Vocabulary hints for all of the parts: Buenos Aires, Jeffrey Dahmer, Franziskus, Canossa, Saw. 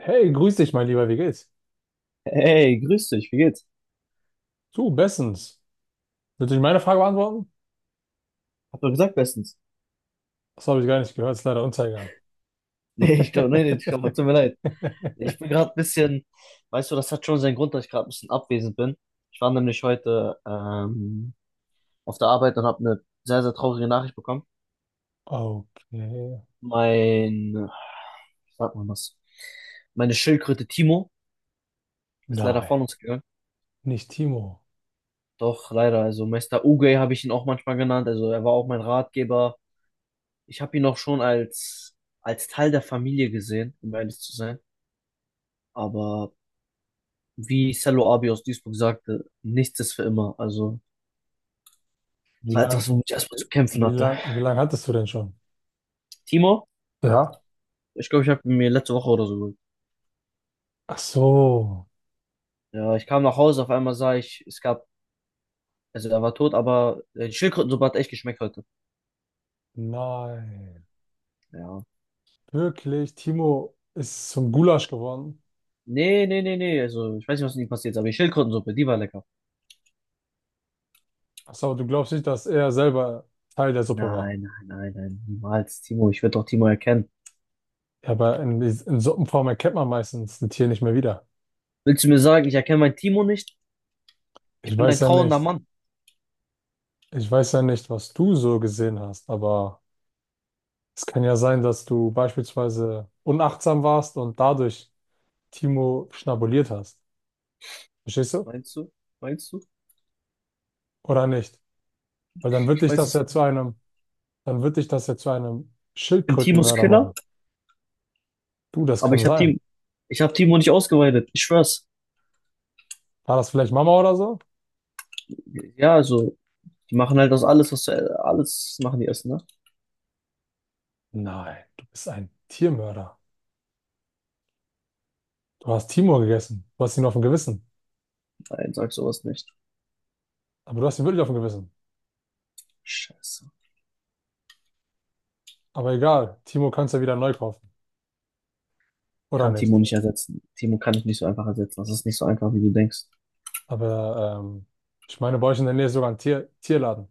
Hey, grüß dich, mein Lieber, wie geht's? Hey, grüß dich, wie geht's? Du, bestens. Willst du nicht meine Frage beantworten? Hab doch gesagt bestens. Das habe ich gar nicht gehört, ist leider untergegangen. Nee, ich glaube, nee, ich glaube, tut mir leid. Ich bin gerade ein bisschen, weißt du, das hat schon seinen Grund, dass ich gerade ein bisschen abwesend bin. Ich war nämlich heute auf der Arbeit und habe eine sehr, sehr traurige Nachricht bekommen. Okay. Mein, wie sagt man das? Meine Schildkröte Timo ist leider Nein, von uns gegangen. nicht Timo. Doch, leider. Also Meister Uge habe ich ihn auch manchmal genannt. Also er war auch mein Ratgeber. Ich habe ihn auch schon als Teil der Familie gesehen, um ehrlich zu sein. Aber wie Cello Abi aus Duisburg sagte, nichts ist für immer. Also, es Wie war lang, etwas, womit ich erstmal zu kämpfen wie hatte. lang, wie lang hattest du denn schon? Timo, Ja. ich glaube, ich habe mir letzte Woche oder so geholt. Ach so. Ja, ich kam nach Hause, auf einmal sah ich, es gab, also er war tot, aber die Schildkrötensuppe hat echt geschmeckt heute. Nein. Ja. Wirklich, Timo ist zum Gulasch geworden. Nee, nee, also ich weiß nicht, was mit ihm passiert ist, aber die Schildkrötensuppe, die war lecker. Ach so, du glaubst nicht, dass er selber Teil der Suppe war. Nein, nein, niemals, Timo, ich werde doch Timo erkennen. Ja, aber in Suppenform erkennt man meistens ein Tier nicht mehr wieder. Willst du mir sagen, ich erkenne meinen Timo nicht? Ich Ich bin ein weiß ja trauernder nicht. Mann. Ich weiß ja nicht, was du so gesehen hast, aber es kann ja sein, dass du beispielsweise unachtsam warst und dadurch Timo schnabuliert hast. Verstehst du? Meinst du? Meinst du? Oder nicht? Weil dann wird Ich dich weiß das es. Ich ja zu einem, dann wird dich das ja zu einem bin Timos Schildkrötenmörder Killer? machen. Du, das Aber kann sein. Ich habe Timo nicht ausgeweidet. Ich schwör's. War das vielleicht Mama oder so? Ja, also, die machen halt aus alles, was du, alles machen die Essen, ne? Nein, du bist ein Tiermörder. Du hast Timo gegessen. Du hast ihn auf dem Gewissen. Nein, sag sowas nicht. Aber du hast ihn wirklich auf dem Gewissen. Scheiße. Aber egal, Timo kannst du ja wieder neu kaufen. Oder Kann Timo nicht? nicht ersetzen. Timo kann ich nicht so einfach ersetzen. Das ist nicht so einfach, wie du denkst. Aber ich meine, bei euch in der Nähe ist sogar ein Tier Tierladen.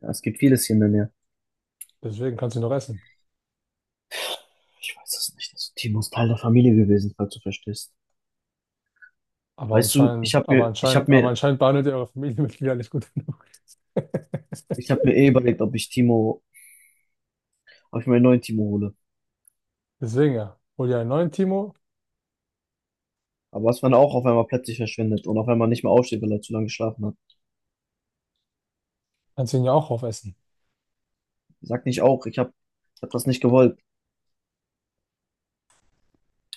Ja, es gibt vieles hier in der Nähe. Deswegen kann sie noch essen. Ich weiß es nicht. Also, Timo ist Teil der Familie gewesen, falls du verstehst. Aber Weißt du, anscheinend, aber anscheinend, aber anscheinend behandelt ihr eure Familienmitglieder nicht gut genug. ich habe mir eh überlegt, ob ich mir einen neuen Timo hole. Deswegen ja, hol dir einen neuen Timo, Aber was, wenn er auch auf einmal plötzlich verschwindet und auf einmal nicht mehr aufsteht, weil er zu lange geschlafen hat? kannst ihn ja auch aufessen. Sag nicht auch, ich habe, Ich hab das nicht gewollt.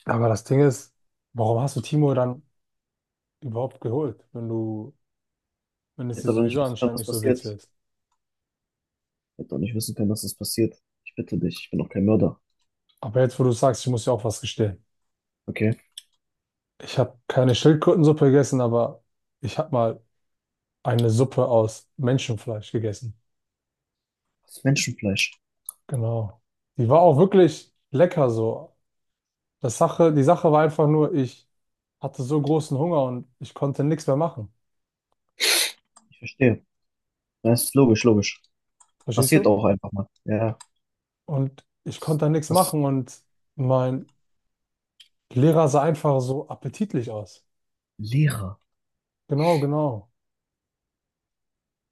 Aber das Ding ist, warum hast du Timo dann überhaupt geholt, wenn du, wenn Ich es dir hätte doch nicht sowieso wissen können, anscheinend was nicht so passiert. witzig Ich ist? hätte doch nicht wissen können, dass das passiert. Ich bitte dich, ich bin doch kein Mörder. Aber jetzt, wo du sagst, ich muss dir auch was gestehen. Okay? Ich habe keine Schildkrötensuppe gegessen, aber ich habe mal eine Suppe aus Menschenfleisch gegessen. Das ist Menschenfleisch. Genau. Die war auch wirklich lecker so. Die Sache war einfach nur, ich hatte so großen Hunger und ich konnte nichts mehr machen. Ich verstehe. Das ist logisch, logisch. Verstehst Passiert du? auch einfach mal. Ja. Und ich konnte nichts Was? machen und mein Lehrer sah einfach so appetitlich aus. Lehrer. Genau, genau.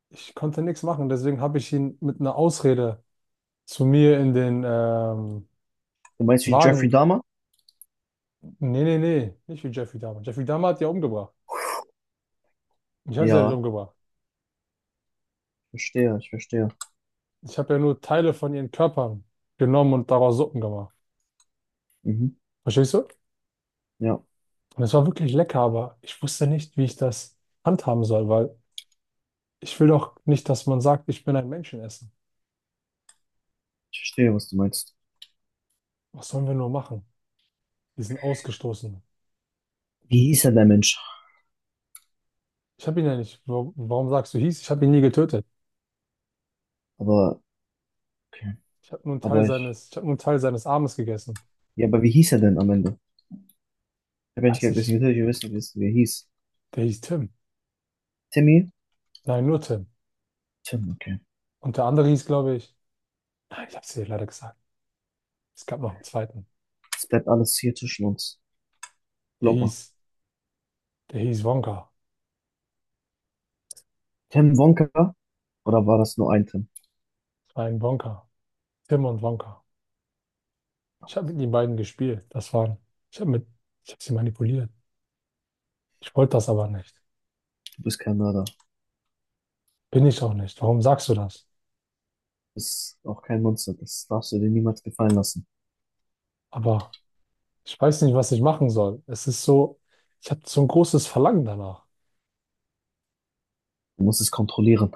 Ich konnte nichts machen. Deswegen habe ich ihn mit einer Ausrede zu mir in den Du meinst wie Jeffrey Wagen. Dahmer? Nee, nee, nee. Nicht wie Jeffrey Dahmer. Jeffrey Dahmer hat die ja umgebracht. Ich habe sie ja nicht Ja. umgebracht. Ich verstehe, ich verstehe. Ich habe ja nur Teile von ihren Körpern genommen und daraus Suppen gemacht. Mhm. Verstehst du? Ja. Und es war wirklich lecker, aber ich wusste nicht, wie ich das handhaben soll, weil ich will doch nicht, dass man sagt, ich bin ein Menschenesser. Ich verstehe, was du meinst. Was sollen wir nur machen? Diesen Ausgestoßenen. Wie hieß er, der Mensch? Ich habe ihn ja nicht. Warum sagst du hieß? Ich habe ihn nie getötet. Aber, okay. Ich habe nur einen Teil Aber ich, seines, ich habe nur einen Teil seines Armes gegessen. ja, aber wie hieß er denn am Ende? Ich habe ja nicht Weiß gegessen, ich. natürlich, wir wissen, wie er hieß. Der hieß Tim. Timmy? Nein, nur Tim. Tim, okay. Und der andere hieß, glaube ich. Nein, ich habe es dir leider gesagt. Es gab noch einen zweiten. Es bleibt alles hier zwischen uns. Der Glaub mal. hieß, der hieß Wonka. Tim Wonka? Oder war das nur ein Tim? Es war ein Wonka. Tim und Wonka. Ich habe mit den beiden gespielt. Das waren. Ich habe mit, ich habe sie manipuliert. Ich wollte das aber nicht. Du bist kein Mörder. Du Bin ich auch nicht. Warum sagst du das? bist auch kein Monster. Das darfst du dir niemals gefallen lassen. Aber ich weiß nicht, was ich machen soll. Es ist so, ich habe so ein großes Verlangen danach. Du musst es kontrollieren.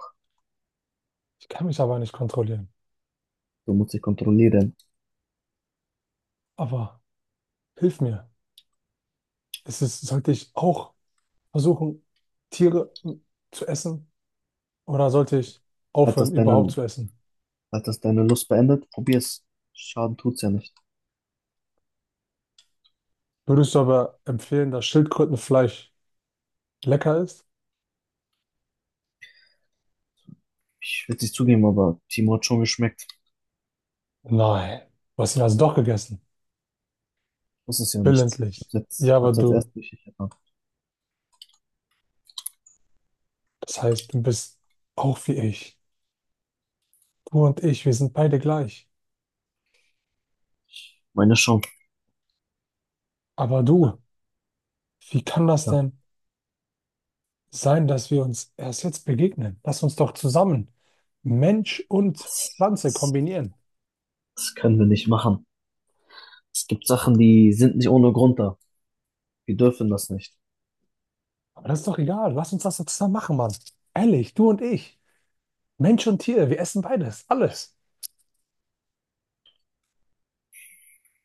Ich kann mich aber nicht kontrollieren. Du musst dich kontrollieren. Aber hilf mir. Ist es, sollte ich auch versuchen, Tiere zu essen? Oder sollte ich Hat aufhören, das überhaupt deine, zu essen? hat das deine Lust beendet? Probier's. Schaden tut's ja nicht. Würdest du aber empfehlen, dass Schildkrötenfleisch lecker ist? Ich will es nicht zugeben, aber Timo hat schon geschmeckt. Nein. Du hast ihn also doch gegessen. Muss es ja nicht. Willentlich. Ja, Ich aber hab's jetzt du, erst richtig erfahren. das heißt, du bist auch wie ich. Du und ich, wir sind beide gleich. Meine schon. Aber du, wie kann das Ja. denn sein, dass wir uns erst jetzt begegnen? Lass uns doch zusammen Mensch und Das, Pflanze das, kombinieren. das können wir nicht machen. Es gibt Sachen, die sind nicht ohne Grund da. Wir dürfen das nicht. Aber das ist doch egal. Lass uns das doch zusammen machen, Mann. Ehrlich, du und ich. Mensch und Tier, wir essen beides, alles.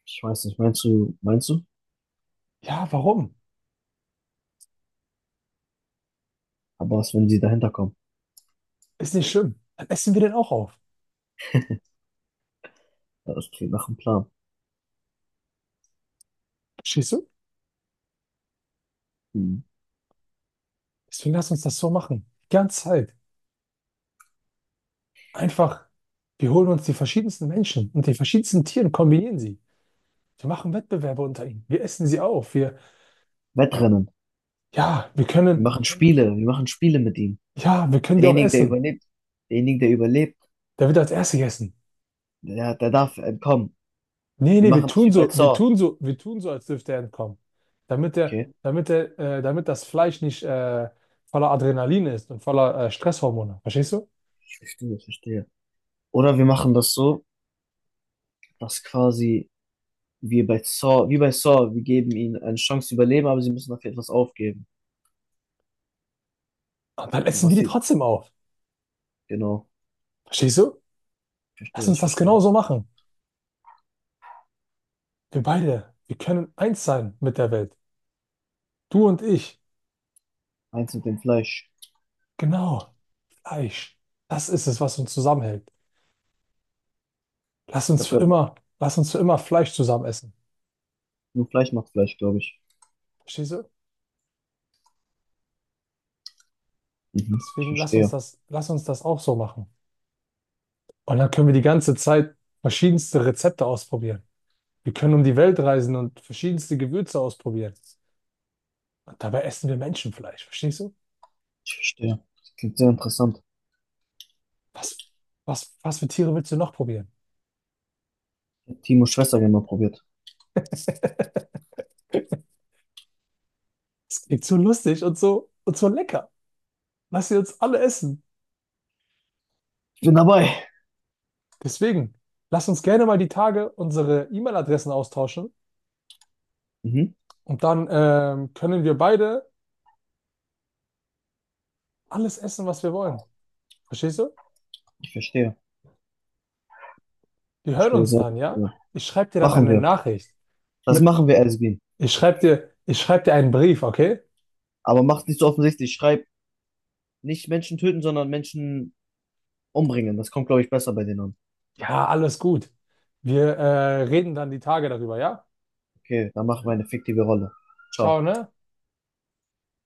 Ich weiß nicht, meinst du? Ja, warum? Aber was, wenn sie dahinter kommen? Ist nicht schlimm. Dann essen wir den auch auf. Ja, das klingt nach einem Plan. Verstehst du? Hm. Deswegen lass uns das so machen. Die ganze Zeit. Einfach, wir holen uns die verschiedensten Menschen und die verschiedensten Tiere und kombinieren sie. Wir machen Wettbewerbe unter ihnen. Wir essen sie auf. Wir, Wettrennen. ja, wir Wir können. machen Spiele. Wir machen Spiele mit ihm. Ja, wir können die auch Derjenige, der essen. überlebt, derjenige, der überlebt, Der wird als Erster gegessen. Der darf entkommen. Nee, Wir nee, wir machen das tun wie bei so, wir Saw. tun so, wir tun so, als dürfte er entkommen. Okay, Damit das Fleisch nicht voller Adrenalin ist und voller Stresshormone. Verstehst du? ich verstehe, ich verstehe. Oder wir machen das so, dass quasi wie bei Saw, wir geben ihnen eine Chance zu überleben, aber sie müssen dafür etwas aufgeben. Und dann Und essen wir was die sie, trotzdem auf. genau, Verstehst du? ich Lass verstehe, uns ich das verstehe. genauso machen. Wir beide, wir können eins sein mit der Welt. Du und ich. Eins mit dem Fleisch. Genau. Fleisch. Das ist es, was uns zusammenhält. Lass Ich uns habe für gehört, immer, lass uns für immer Fleisch zusammen essen. nur Fleisch macht Fleisch, glaube ich. Verstehst du? Mhm, ich Deswegen verstehe, lass uns das auch so machen. Und dann können wir die ganze Zeit verschiedenste Rezepte ausprobieren. Wir können um die Welt reisen und verschiedenste Gewürze ausprobieren. Und dabei essen wir Menschenfleisch, verstehst du? ich verstehe. Das klingt sehr interessant. Was, was für Tiere willst du noch probieren? Ich hab Timos Schwester gerne mal probiert. Es klingt so lustig und so lecker. Lass sie uns alle essen. Ich bin dabei. Deswegen, lass uns gerne mal die Tage unsere E-Mail-Adressen austauschen Mhm. und dann können wir beide alles essen, was wir wollen. Verstehst du? Ich verstehe. Ich Wir hören verstehe uns sehr dann, gut. ja? Ja. Ich schreibe dir dann Machen eine wir. Nachricht Das mit machen wir, Esbin. Ich schreibe dir, ich schreib dir einen Brief, okay? Aber macht nicht so offensichtlich. Schreib nicht Menschen töten, sondern Menschen umbringen. Das kommt, glaube ich, besser bei denen an. Ja, alles gut. Wir reden dann die Tage darüber, ja? Okay, dann machen wir eine fiktive Rolle. Ciao. Ciao, ne?